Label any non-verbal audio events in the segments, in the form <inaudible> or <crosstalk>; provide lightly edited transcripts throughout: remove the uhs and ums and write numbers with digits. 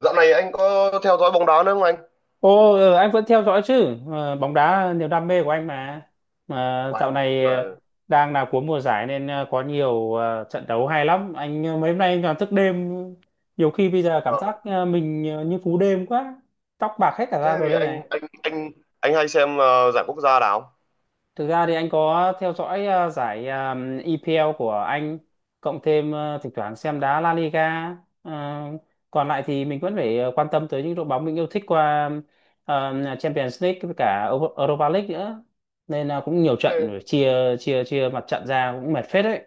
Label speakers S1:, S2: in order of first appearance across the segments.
S1: Dạo này anh có theo dõi bóng đá nữa không anh?
S2: Ồ, anh vẫn theo dõi chứ. Ờ, bóng đá niềm đam mê của anh mà. Mà
S1: Uầy,
S2: dạo này
S1: nhưng
S2: đang là cuối mùa giải nên có nhiều trận đấu hay lắm. Mấy hôm nay anh toàn thức đêm. Nhiều khi bây giờ cảm
S1: vâng.
S2: giác mình như phú đêm quá. Tóc bạc hết cả ra
S1: Thế
S2: rồi
S1: thì
S2: đây này.
S1: anh anh anh anh hay xem giải quốc gia nào?
S2: Thực ra thì anh có theo dõi giải EPL của Anh, cộng thêm thỉnh thoảng xem đá La Liga. Ờ, còn lại thì mình vẫn phải quan tâm tới những đội bóng mình yêu thích qua Champions League với cả Europa League nữa. Nên là cũng nhiều
S1: Thế,
S2: trận chia chia chia mặt trận ra cũng mệt phết đấy.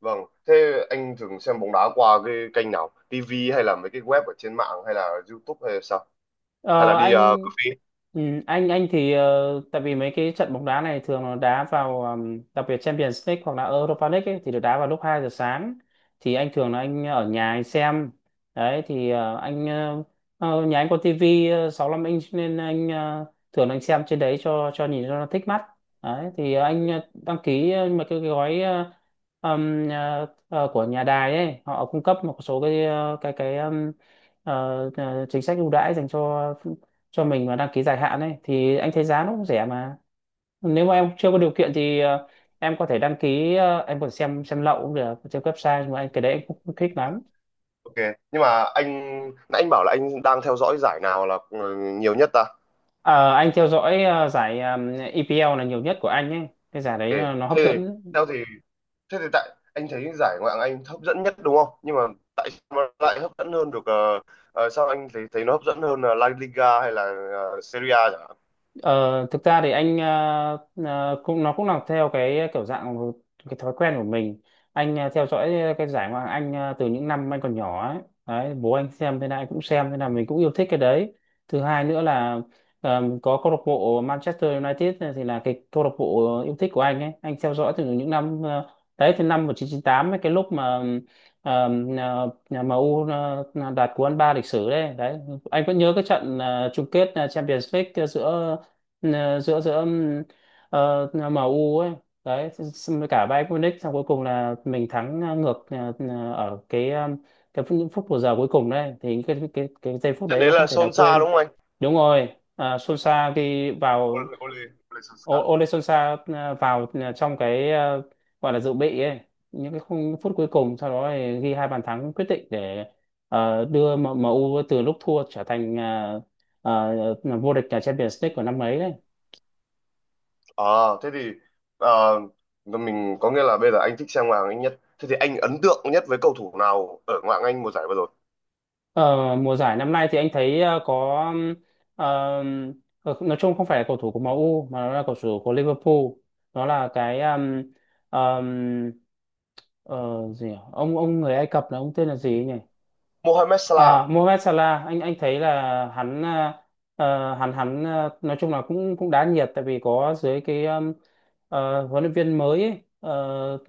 S1: vâng. Thế anh thường xem bóng đá qua cái kênh nào? TV hay là mấy cái web ở trên mạng hay là YouTube hay là sao? Hay là
S2: Ờ,
S1: đi cà
S2: anh
S1: phê?
S2: ừ, anh thì tại vì mấy cái trận bóng đá này thường nó đá vào đặc biệt Champions League hoặc là Europa League ấy, thì được đá vào lúc 2 giờ sáng, thì anh thường là anh ở nhà anh xem. Đấy thì nhà anh có tivi 65 inch nên thường là anh xem trên đấy cho nhìn cho nó thích mắt. Đấy thì đăng ký một cái gói của nhà đài ấy, họ cung cấp một số cái cái ờ, chính sách ưu đãi dành cho mình mà đăng ký dài hạn ấy, thì anh thấy giá nó cũng rẻ mà. Nếu mà em chưa có điều kiện thì em có thể đăng ký, em còn xem lậu cũng được trên website, nhưng mà anh cái đấy anh cũng không thích lắm.
S1: Ok. Nhưng mà anh nãy anh bảo là anh đang theo dõi giải nào là nhiều nhất ta?
S2: Ờ, anh theo dõi giải EPL là nhiều nhất của anh ấy, cái giải đấy
S1: Ok.
S2: là nó hấp
S1: Thế thì
S2: dẫn.
S1: theo thì Thế thì tại Anh thấy giải Ngoại hạng Anh hấp dẫn nhất đúng không? Nhưng mà tại sao nó lại hấp dẫn hơn được sao anh thấy thấy nó hấp dẫn hơn là La Liga hay là Serie A chẳng hạn?
S2: Ờ, thực ra thì cũng nó cũng là theo cái kiểu dạng cái thói quen của mình. Theo dõi cái giải Ngoại hạng Anh từ những năm anh còn nhỏ ấy. Đấy, bố anh xem thế nào anh cũng xem thế nào, mình cũng yêu thích cái đấy. Thứ hai nữa là có câu lạc bộ Manchester United này, thì là cái câu lạc bộ yêu thích của anh ấy, anh theo dõi từ những năm đấy, từ năm 1998 ấy, cái lúc mà nhà nhà MU đạt cú ăn ba lịch sử đấy. Đấy anh vẫn nhớ cái trận chung kết Champions League giữa ờ, giữa giữa ờ, MU ấy, đấy xong với cả Bayern Munich, xong cuối cùng là mình thắng ờ, ngược ờ, ờ, ở cái ờ, cái phút- những phút bù giờ cuối cùng đấy, thì cái giây phút
S1: Chắc
S2: đấy
S1: đấy
S2: nó
S1: là
S2: không thể nào
S1: Solskjaer
S2: quên.
S1: đúng không anh?
S2: Đúng rồi. À, Solskjaer khi vào.
S1: Ole Ole Ole Solskjaer.
S2: Ole Solskjaer vào trong cái, gọi là dự bị ấy, những cái khung phút cuối cùng, sau đó thì ghi hai bàn thắng quyết định để đưa MU từ lúc thua trở thành vô địch cả Champions League của năm ấy đấy.
S1: À, thế thì ờ, mình có nghĩa là bây giờ anh thích xem Ngoại hạng Anh nhất. Thế thì anh ấn tượng nhất với cầu thủ nào ở Ngoại hạng Anh mùa giải vừa rồi?
S2: Ờ, mùa giải năm nay thì anh thấy ờm, nói chung không phải là cầu thủ của MU mà nó là cầu thủ của Liverpool. Nó là cái ờm, ờ, gì nhỉ? Ông người Ai Cập, là ông tên là gì nhỉ?
S1: Mohamed Salah.
S2: À, Mohamed Salah. Anh thấy là hắn à, nói chung là cũng cũng đá nhiệt, tại vì có dưới cái huấn luyện viên mới ấy,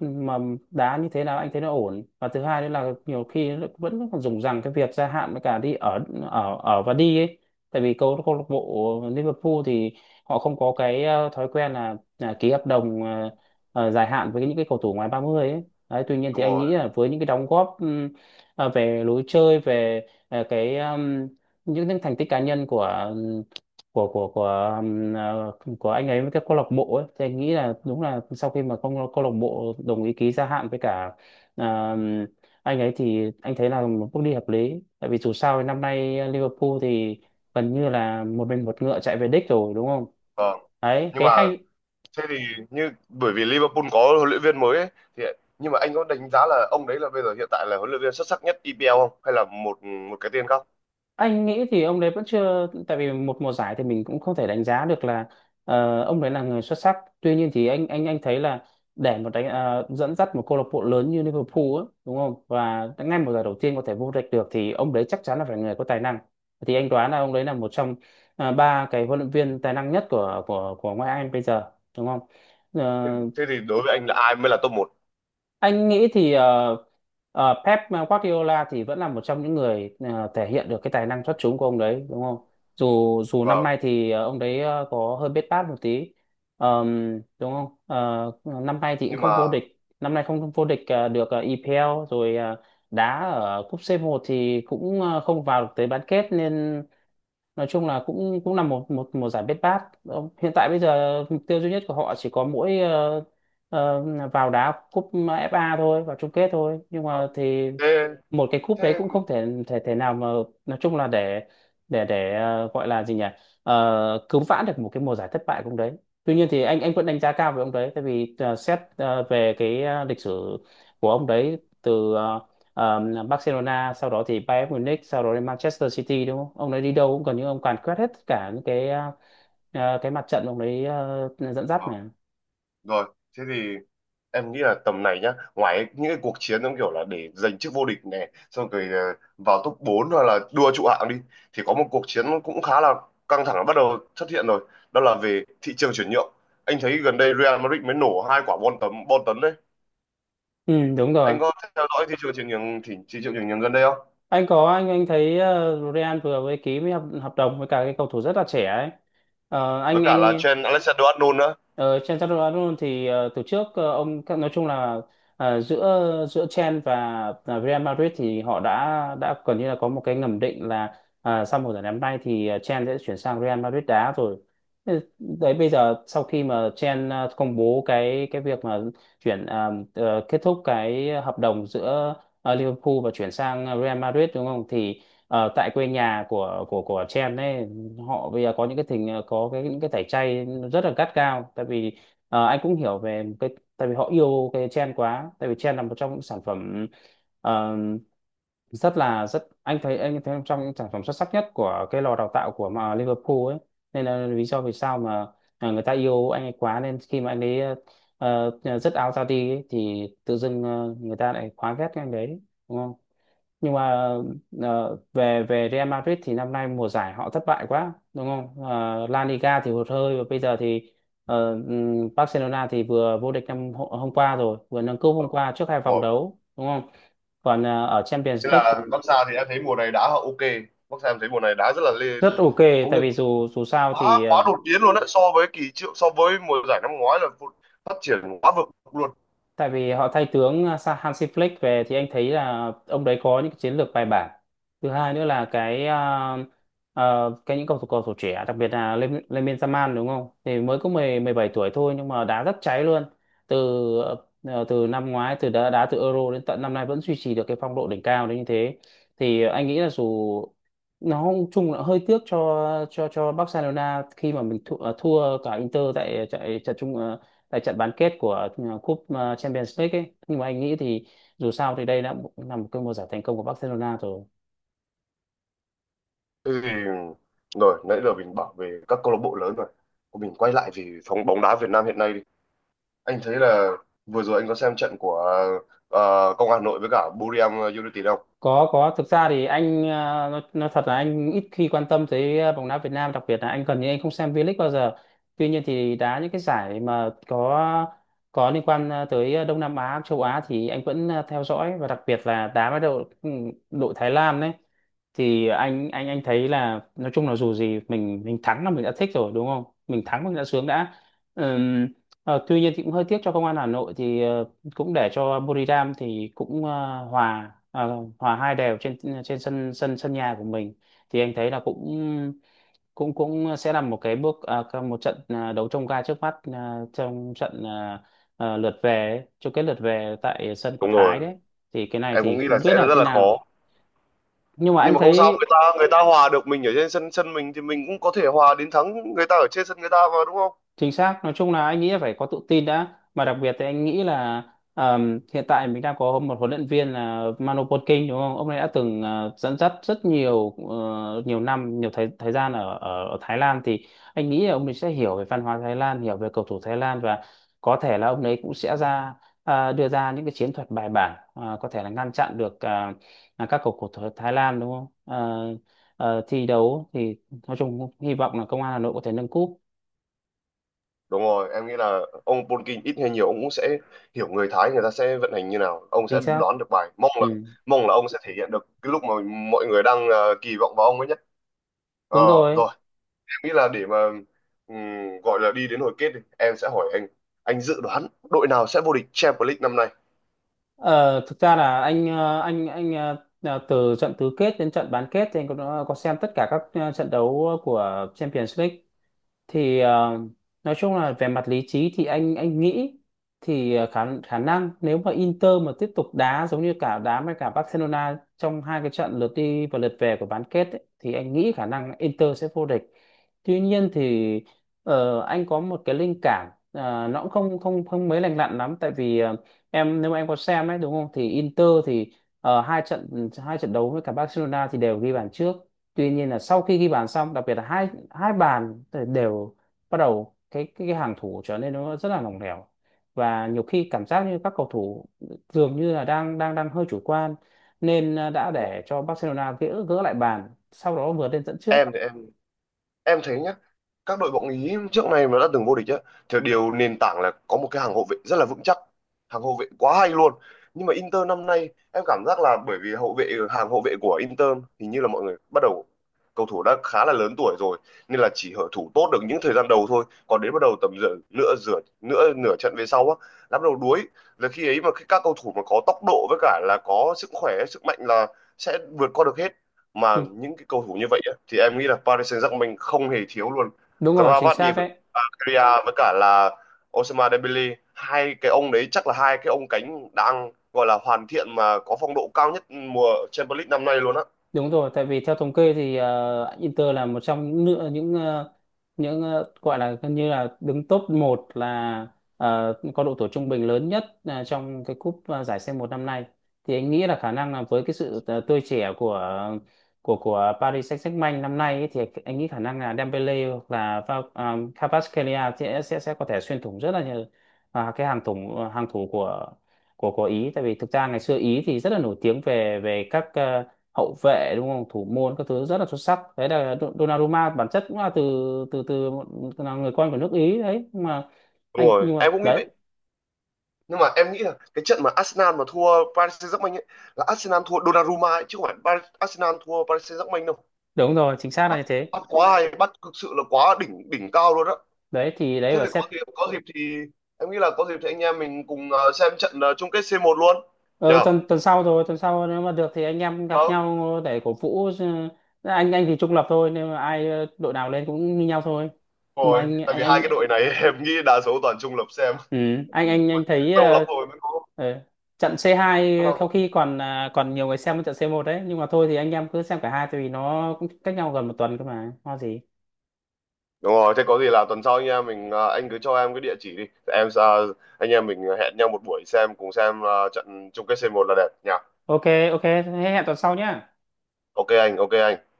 S2: mà đá như thế nào anh thấy nó ổn. Và thứ hai nữa là nhiều khi nó vẫn còn dùng rằng cái việc gia hạn với cả đi ở ở ở và đi ấy, tại vì câu câu lạc bộ Liverpool thì họ không có cái thói quen là ký hợp đồng dài hạn với những cái cầu thủ ngoài 30 ấy. Đấy, tuy nhiên thì
S1: Đúng
S2: anh nghĩ
S1: rồi.
S2: là với những cái đóng góp à, về lối chơi, về à, cái những thành tích cá nhân của của của của um, à, của anh ấy với các câu lạc bộ ấy, thì anh nghĩ là đúng là sau khi mà câu lạc bộ đồng ý ký gia hạn với cả um, anh ấy, thì anh thấy là một bước đi hợp lý, tại vì dù sao thì năm nay Liverpool thì gần như là một mình một ngựa chạy về đích rồi, đúng không?
S1: Vâng.
S2: Đấy
S1: Nhưng
S2: cái
S1: mà
S2: hay.
S1: Thế thì như Bởi vì Liverpool có huấn luyện viên mới ấy, thì nhưng mà anh có đánh giá là ông đấy là bây giờ hiện tại là huấn luyện viên xuất sắc nhất EPL không hay là một một cái tên khác?
S2: Anh nghĩ thì ông đấy vẫn chưa, tại vì một mùa giải thì mình cũng không thể đánh giá được là ông đấy là người xuất sắc. Tuy nhiên thì anh thấy là để một đánh dẫn dắt một câu lạc bộ lớn như Liverpool á, đúng không, và ngay mùa giải đầu tiên có thể vô địch được, thì ông đấy chắc chắn là phải người có tài năng. Thì anh đoán là ông đấy là một trong ba cái huấn luyện viên tài năng nhất của ngoại hạng Anh bây giờ, đúng không?
S1: Thế,
S2: Ờ,
S1: thế thì đối với anh là ai mới là top một?
S2: anh nghĩ thì Pep Guardiola thì vẫn là một trong những người thể hiện được cái tài năng xuất chúng của ông đấy, đúng không? Dù dù năm
S1: Vâng.
S2: nay thì ông đấy có hơi bết bát một tí. Đúng không? Ờ, năm nay thì cũng
S1: Nhưng
S2: không
S1: mà
S2: vô địch, năm nay không vô địch được EPL rồi, đá ở cúp c một thì cũng không vào được tới bán kết, nên nói chung là cũng cũng là một một một giải bết bát. Ờ, hiện tại bây giờ mục tiêu duy nhất của họ chỉ có mỗi ờ, vào đá cúp FA thôi, vào chung kết thôi, nhưng
S1: ờ,
S2: mà thì
S1: thế
S2: một cái cúp đấy
S1: thế
S2: cũng không thể thể thể nào mà nói chung là để gọi là gì nhỉ, cứu vãn được một cái mùa giải thất bại của ông đấy. Tuy nhiên thì anh vẫn đánh giá cao về ông đấy, tại vì xét về cái lịch sử của ông đấy từ ờ, Barcelona, sau đó thì Bayern Munich, sau đó đến Manchester City, đúng không? Ông ấy đi đâu cũng gần như ông càn quét hết cả những cái cái mặt trận ông ấy dẫn dắt
S1: ờ,
S2: mà.
S1: Rồi, thế thì em nghĩ là tầm này nhá, ngoài những cái cuộc chiến giống kiểu là để giành chức vô địch này xong rồi vào top 4 hoặc là đua trụ hạng đi, thì có một cuộc chiến cũng khá là căng thẳng bắt đầu xuất hiện rồi. Đó là về thị trường chuyển nhượng. Anh thấy gần đây Real Madrid mới nổ hai quả bom tấn đấy.
S2: Ừ, đúng rồi.
S1: Anh có theo dõi thị trường chuyển nhượng thị trường chuyển nhượng gần đây không,
S2: Anh có, anh thấy Real vừa mới ký với hợp đồng với cả cái cầu thủ rất là trẻ ấy. Ờ,
S1: với cả là
S2: anh
S1: trend Alexander-Arnold nữa?
S2: Ờ, Chen Chaturanga thì từ trước ông nói chung là, giữa giữa Chen và Real Madrid thì họ đã gần như là có một cái ngầm định là à, sau mùa giải năm nay thì Chen sẽ chuyển sang Real Madrid đá rồi. Ừ, đấy bây giờ sau khi mà Chen công bố cái việc mà chuyển à, kết thúc cái hợp đồng giữa Liverpool và chuyển sang Real Madrid, đúng không? Thì tại quê nhà của Chen ấy, họ bây giờ có những cái tình có cái những cái tẩy chay nó rất là gắt gao, tại vì anh cũng hiểu về cái, tại vì họ yêu cái trend quá, tại vì trend là một trong những sản phẩm ờ, rất là rất anh thấy trong sản phẩm xuất sắc nhất của cái lò đào tạo của mà Liverpool ấy. Nên là lý do vì sao mà à, người ta yêu anh ấy quá, nên khi mà anh ấy dứt áo ra đi ấy, thì tự dưng người ta lại quá ghét cái anh đấy, đúng không? Nhưng mà ờ, về về Real Madrid thì năm nay mùa giải họ thất bại quá, đúng không? Ờ, La Liga thì hụt hơi, và bây giờ thì Barcelona thì vừa vô địch năm hôm qua rồi, vừa nâng cúp hôm qua, trước hai vòng
S1: Rồi.
S2: đấu, đúng không? Còn ở
S1: Thế
S2: Champions League
S1: là Barca thì em thấy mùa này đá họ ok. Barca em thấy mùa này đá rất là lê,
S2: rất ok,
S1: có
S2: tại vì dù dù sao
S1: Quá
S2: thì
S1: quá đột biến luôn đấy, so với kỳ triệu so với mùa giải năm ngoái là phát triển quá vực luôn.
S2: tại vì họ thay tướng à, Hansi Flick về, thì anh thấy là ông đấy có những cái chiến lược bài bản. Thứ hai nữa là cái cái những cầu thủ trẻ, đặc biệt là Lemmin Yamal, đúng không, thì mới có mười 17 tuổi thôi, nhưng mà đá rất cháy luôn. Từ từ năm ngoái, từ đá đá từ Euro đến tận năm nay vẫn duy trì được cái phong độ đỉnh cao đến như thế. Thì anh nghĩ là dù nó cũng chung là hơi tiếc cho Barcelona khi mà mình thua cả Inter tại tại trận chung ờ, tại trận bán kết của cúp Champions League ấy, nhưng mà anh nghĩ thì dù sao thì đây đã là một cơn mùa giải thành công của Barcelona rồi.
S1: Thế thì rồi nãy giờ mình bảo về các câu lạc bộ lớn rồi, mình quay lại về phòng bóng đá Việt Nam hiện nay đi. Anh thấy là vừa rồi anh có xem trận của Công an Hà Nội với cả Buriram United không?
S2: Có, có, thực ra thì nó thật là anh ít khi quan tâm tới bóng đá Việt Nam, đặc biệt là anh gần như anh không xem V-League bao giờ. Tuy nhiên thì đá những cái giải mà có liên quan tới Đông Nam Á, châu Á thì anh vẫn theo dõi, và đặc biệt là đá với đội Thái Lan đấy. Thì anh thấy là nói chung là dù gì mình thắng là mình đã thích rồi, đúng không? Mình thắng mình đã sướng đã. Ừm, Tuy nhiên thì cũng hơi tiếc cho Công an Hà Nội thì cũng để cho Buriram thì cũng hòa hai đều trên trên sân sân sân nhà của mình. Thì anh thấy là cũng cũng cũng sẽ là một cái bước à, cái- một trận đấu trông gai trước mắt, à, lượt về ấy, chung kết lượt về tại sân của
S1: Đúng
S2: Thái
S1: rồi,
S2: đấy. Thì cái này
S1: em cũng
S2: thì
S1: nghĩ là
S2: không biết
S1: sẽ
S2: là
S1: rất
S2: thế
S1: là
S2: nào,
S1: khó,
S2: nhưng mà
S1: nhưng
S2: anh
S1: mà không sao,
S2: thấy
S1: người ta hòa được mình ở trên sân sân mình thì mình cũng có thể hòa đến thắng người ta ở trên sân người ta mà đúng không?
S2: chính xác, nói chung là anh nghĩ là phải có tự tin đã, mà đặc biệt thì anh nghĩ là hiện tại mình đang có một huấn luyện viên là Manu Potkin, đúng không? Ông ấy đã từng dẫn dắt nhiều năm, nhiều thời thời gian ở, ở ở Thái Lan. Thì anh nghĩ là ông ấy sẽ hiểu về văn hóa Thái Lan, hiểu về cầu thủ Thái Lan, và có thể là ông ấy cũng sẽ đưa ra những cái chiến thuật bài bản, có thể là ngăn chặn được là các cầu thủ Thái Lan, đúng không? Ờ, Thi đấu thì nói chung hy vọng là Công an Hà Nội có thể nâng cúp.
S1: Đúng rồi, em nghĩ là ông Polking ít hay nhiều ông cũng sẽ hiểu người Thái người ta sẽ vận hành như nào, ông
S2: Chính
S1: sẽ
S2: xác.
S1: đoán được bài. Mong là
S2: Ừ,
S1: mong là ông sẽ thể hiện được cái lúc mà mọi người đang kỳ vọng vào ông ấy nhất. Ờ
S2: đúng rồi.
S1: rồi, em nghĩ là để mà gọi là đi đến hồi kết đi, em sẽ hỏi anh dự đoán đội nào sẽ vô địch Champions League năm nay?
S2: Ờ, Thực ra là anh ờ, là từ trận tứ kết đến trận bán kết thì anh có xem tất cả các trận đấu của Champions League. Thì nói chung là về mặt lý trí thì anh nghĩ thì khả khả năng nếu mà Inter mà tiếp tục đá giống như cả đá với cả Barcelona trong hai cái trận lượt đi và lượt về của bán kết ấy, thì anh nghĩ khả năng Inter sẽ vô địch. Tuy nhiên thì anh có một cái linh cảm nó cũng không không không mấy lành lặn lắm, tại vì em nếu mà em có xem ấy, đúng không, thì Inter thì hai trận đấu với cả Barcelona thì đều ghi bàn trước. Tuy nhiên là sau khi ghi bàn xong, đặc biệt là hai hai bàn thì đều bắt đầu cái hàng thủ trở nên nó rất là lỏng lẻo, và nhiều khi cảm giác như các cầu thủ dường như là đang đang đang hơi chủ quan, nên đã
S1: Đúng không?
S2: để cho Barcelona gỡ gỡ lại bàn, sau đó vượt lên dẫn trước.
S1: Em thì em thấy nhá, các đội bóng Ý trước này mà đã từng vô địch á thì điều nền tảng là có một cái hàng hậu vệ rất là vững chắc, hàng hậu vệ quá hay luôn. Nhưng mà Inter năm nay em cảm giác là bởi vì hậu vệ hàng hậu vệ của Inter, hình như là mọi người bắt đầu cầu thủ đã khá là lớn tuổi rồi, nên là chỉ hở thủ tốt được những thời gian đầu thôi, còn đến bắt đầu tầm giữa nửa nửa trận về sau á đã bắt đầu đuối. Là khi ấy mà khi các cầu thủ mà có tốc độ với cả là có sức khỏe sức mạnh là sẽ vượt qua được hết. Mà
S2: Thì
S1: những cái cầu thủ như vậy á, thì em nghĩ là Paris Saint-Germain không hề thiếu luôn.
S2: đúng rồi, chính
S1: Kravat
S2: xác đấy.
S1: Divaria với cả là Ousmane Dembele, hai cái ông đấy chắc là hai cái ông cánh đang gọi là hoàn thiện mà có phong độ cao nhất mùa Champions League năm nay luôn á.
S2: Đúng rồi, tại vì theo thống kê thì Inter là một trong những nữa những ờ, gọi là gần như là đứng top 1, là có độ tuổi trung bình lớn nhất trong cái cúp, giải C1 năm nay. Thì anh nghĩ là khả năng là với cái sự tươi trẻ của Paris Saint-Germain năm nay ấy, thì anh nghĩ khả năng là Dembele hoặc là Kvaratskhelia sẽ có thể xuyên thủng rất là nhiều, cái hàng thủ của Ý. Tại vì thực ra ngày xưa Ý thì rất là nổi tiếng về về các hậu vệ, đúng không, thủ môn các thứ rất là xuất sắc đấy. Là Donnarumma bản chất cũng là từ từ từ một là người con của nước Ý đấy. Nhưng mà
S1: Đúng rồi, em cũng nghĩ
S2: đấy,
S1: vậy. Nhưng mà em nghĩ là cái trận mà Arsenal mà thua Paris Saint-Germain ấy, là Arsenal thua Donnarumma ấy, chứ không phải Paris, Arsenal thua Paris Saint-Germain đâu.
S2: đúng rồi, chính xác là
S1: bắt
S2: như thế
S1: bắt quá hay, bắt thực sự là quá đỉnh đỉnh cao luôn á.
S2: đấy. Thì đấy
S1: Thế
S2: và
S1: thì có
S2: xét.
S1: dịp có dịp thì em nghĩ là có dịp thì anh em mình cùng xem trận chung kết C1 luôn
S2: Ờ,
S1: nhờ.
S2: tuần tuần sau rồi, tuần sau nếu mà được thì anh em gặp
S1: Ờ,
S2: nhau để cổ vũ. Ờ, anh thì trung lập thôi nên mà đội nào lên cũng như nhau thôi. Nhưng mà
S1: rồi tại vì hai cái
S2: anh
S1: đội này <laughs> em nghĩ đa số toàn trung lập xem.
S2: Ừ, anh thấy
S1: <laughs> Lâu lắm rồi mới có.
S2: ờ, trận C2 sau khi còn à, còn nhiều người xem hơn trận C1 đấy. Nhưng mà thôi thì anh em cứ xem cả hai, tại vì nó cũng cách nhau gần một tuần cơ mà lo gì.
S1: Đúng rồi, thế có gì là tuần sau nha mình, à, anh cứ cho em cái địa chỉ đi em, à, anh em mình hẹn nhau một buổi xem cùng xem à, trận chung kết c một là đẹp nhỉ?
S2: Ok, ok thế, hẹn tuần sau nhá.
S1: Ok anh, ok anh.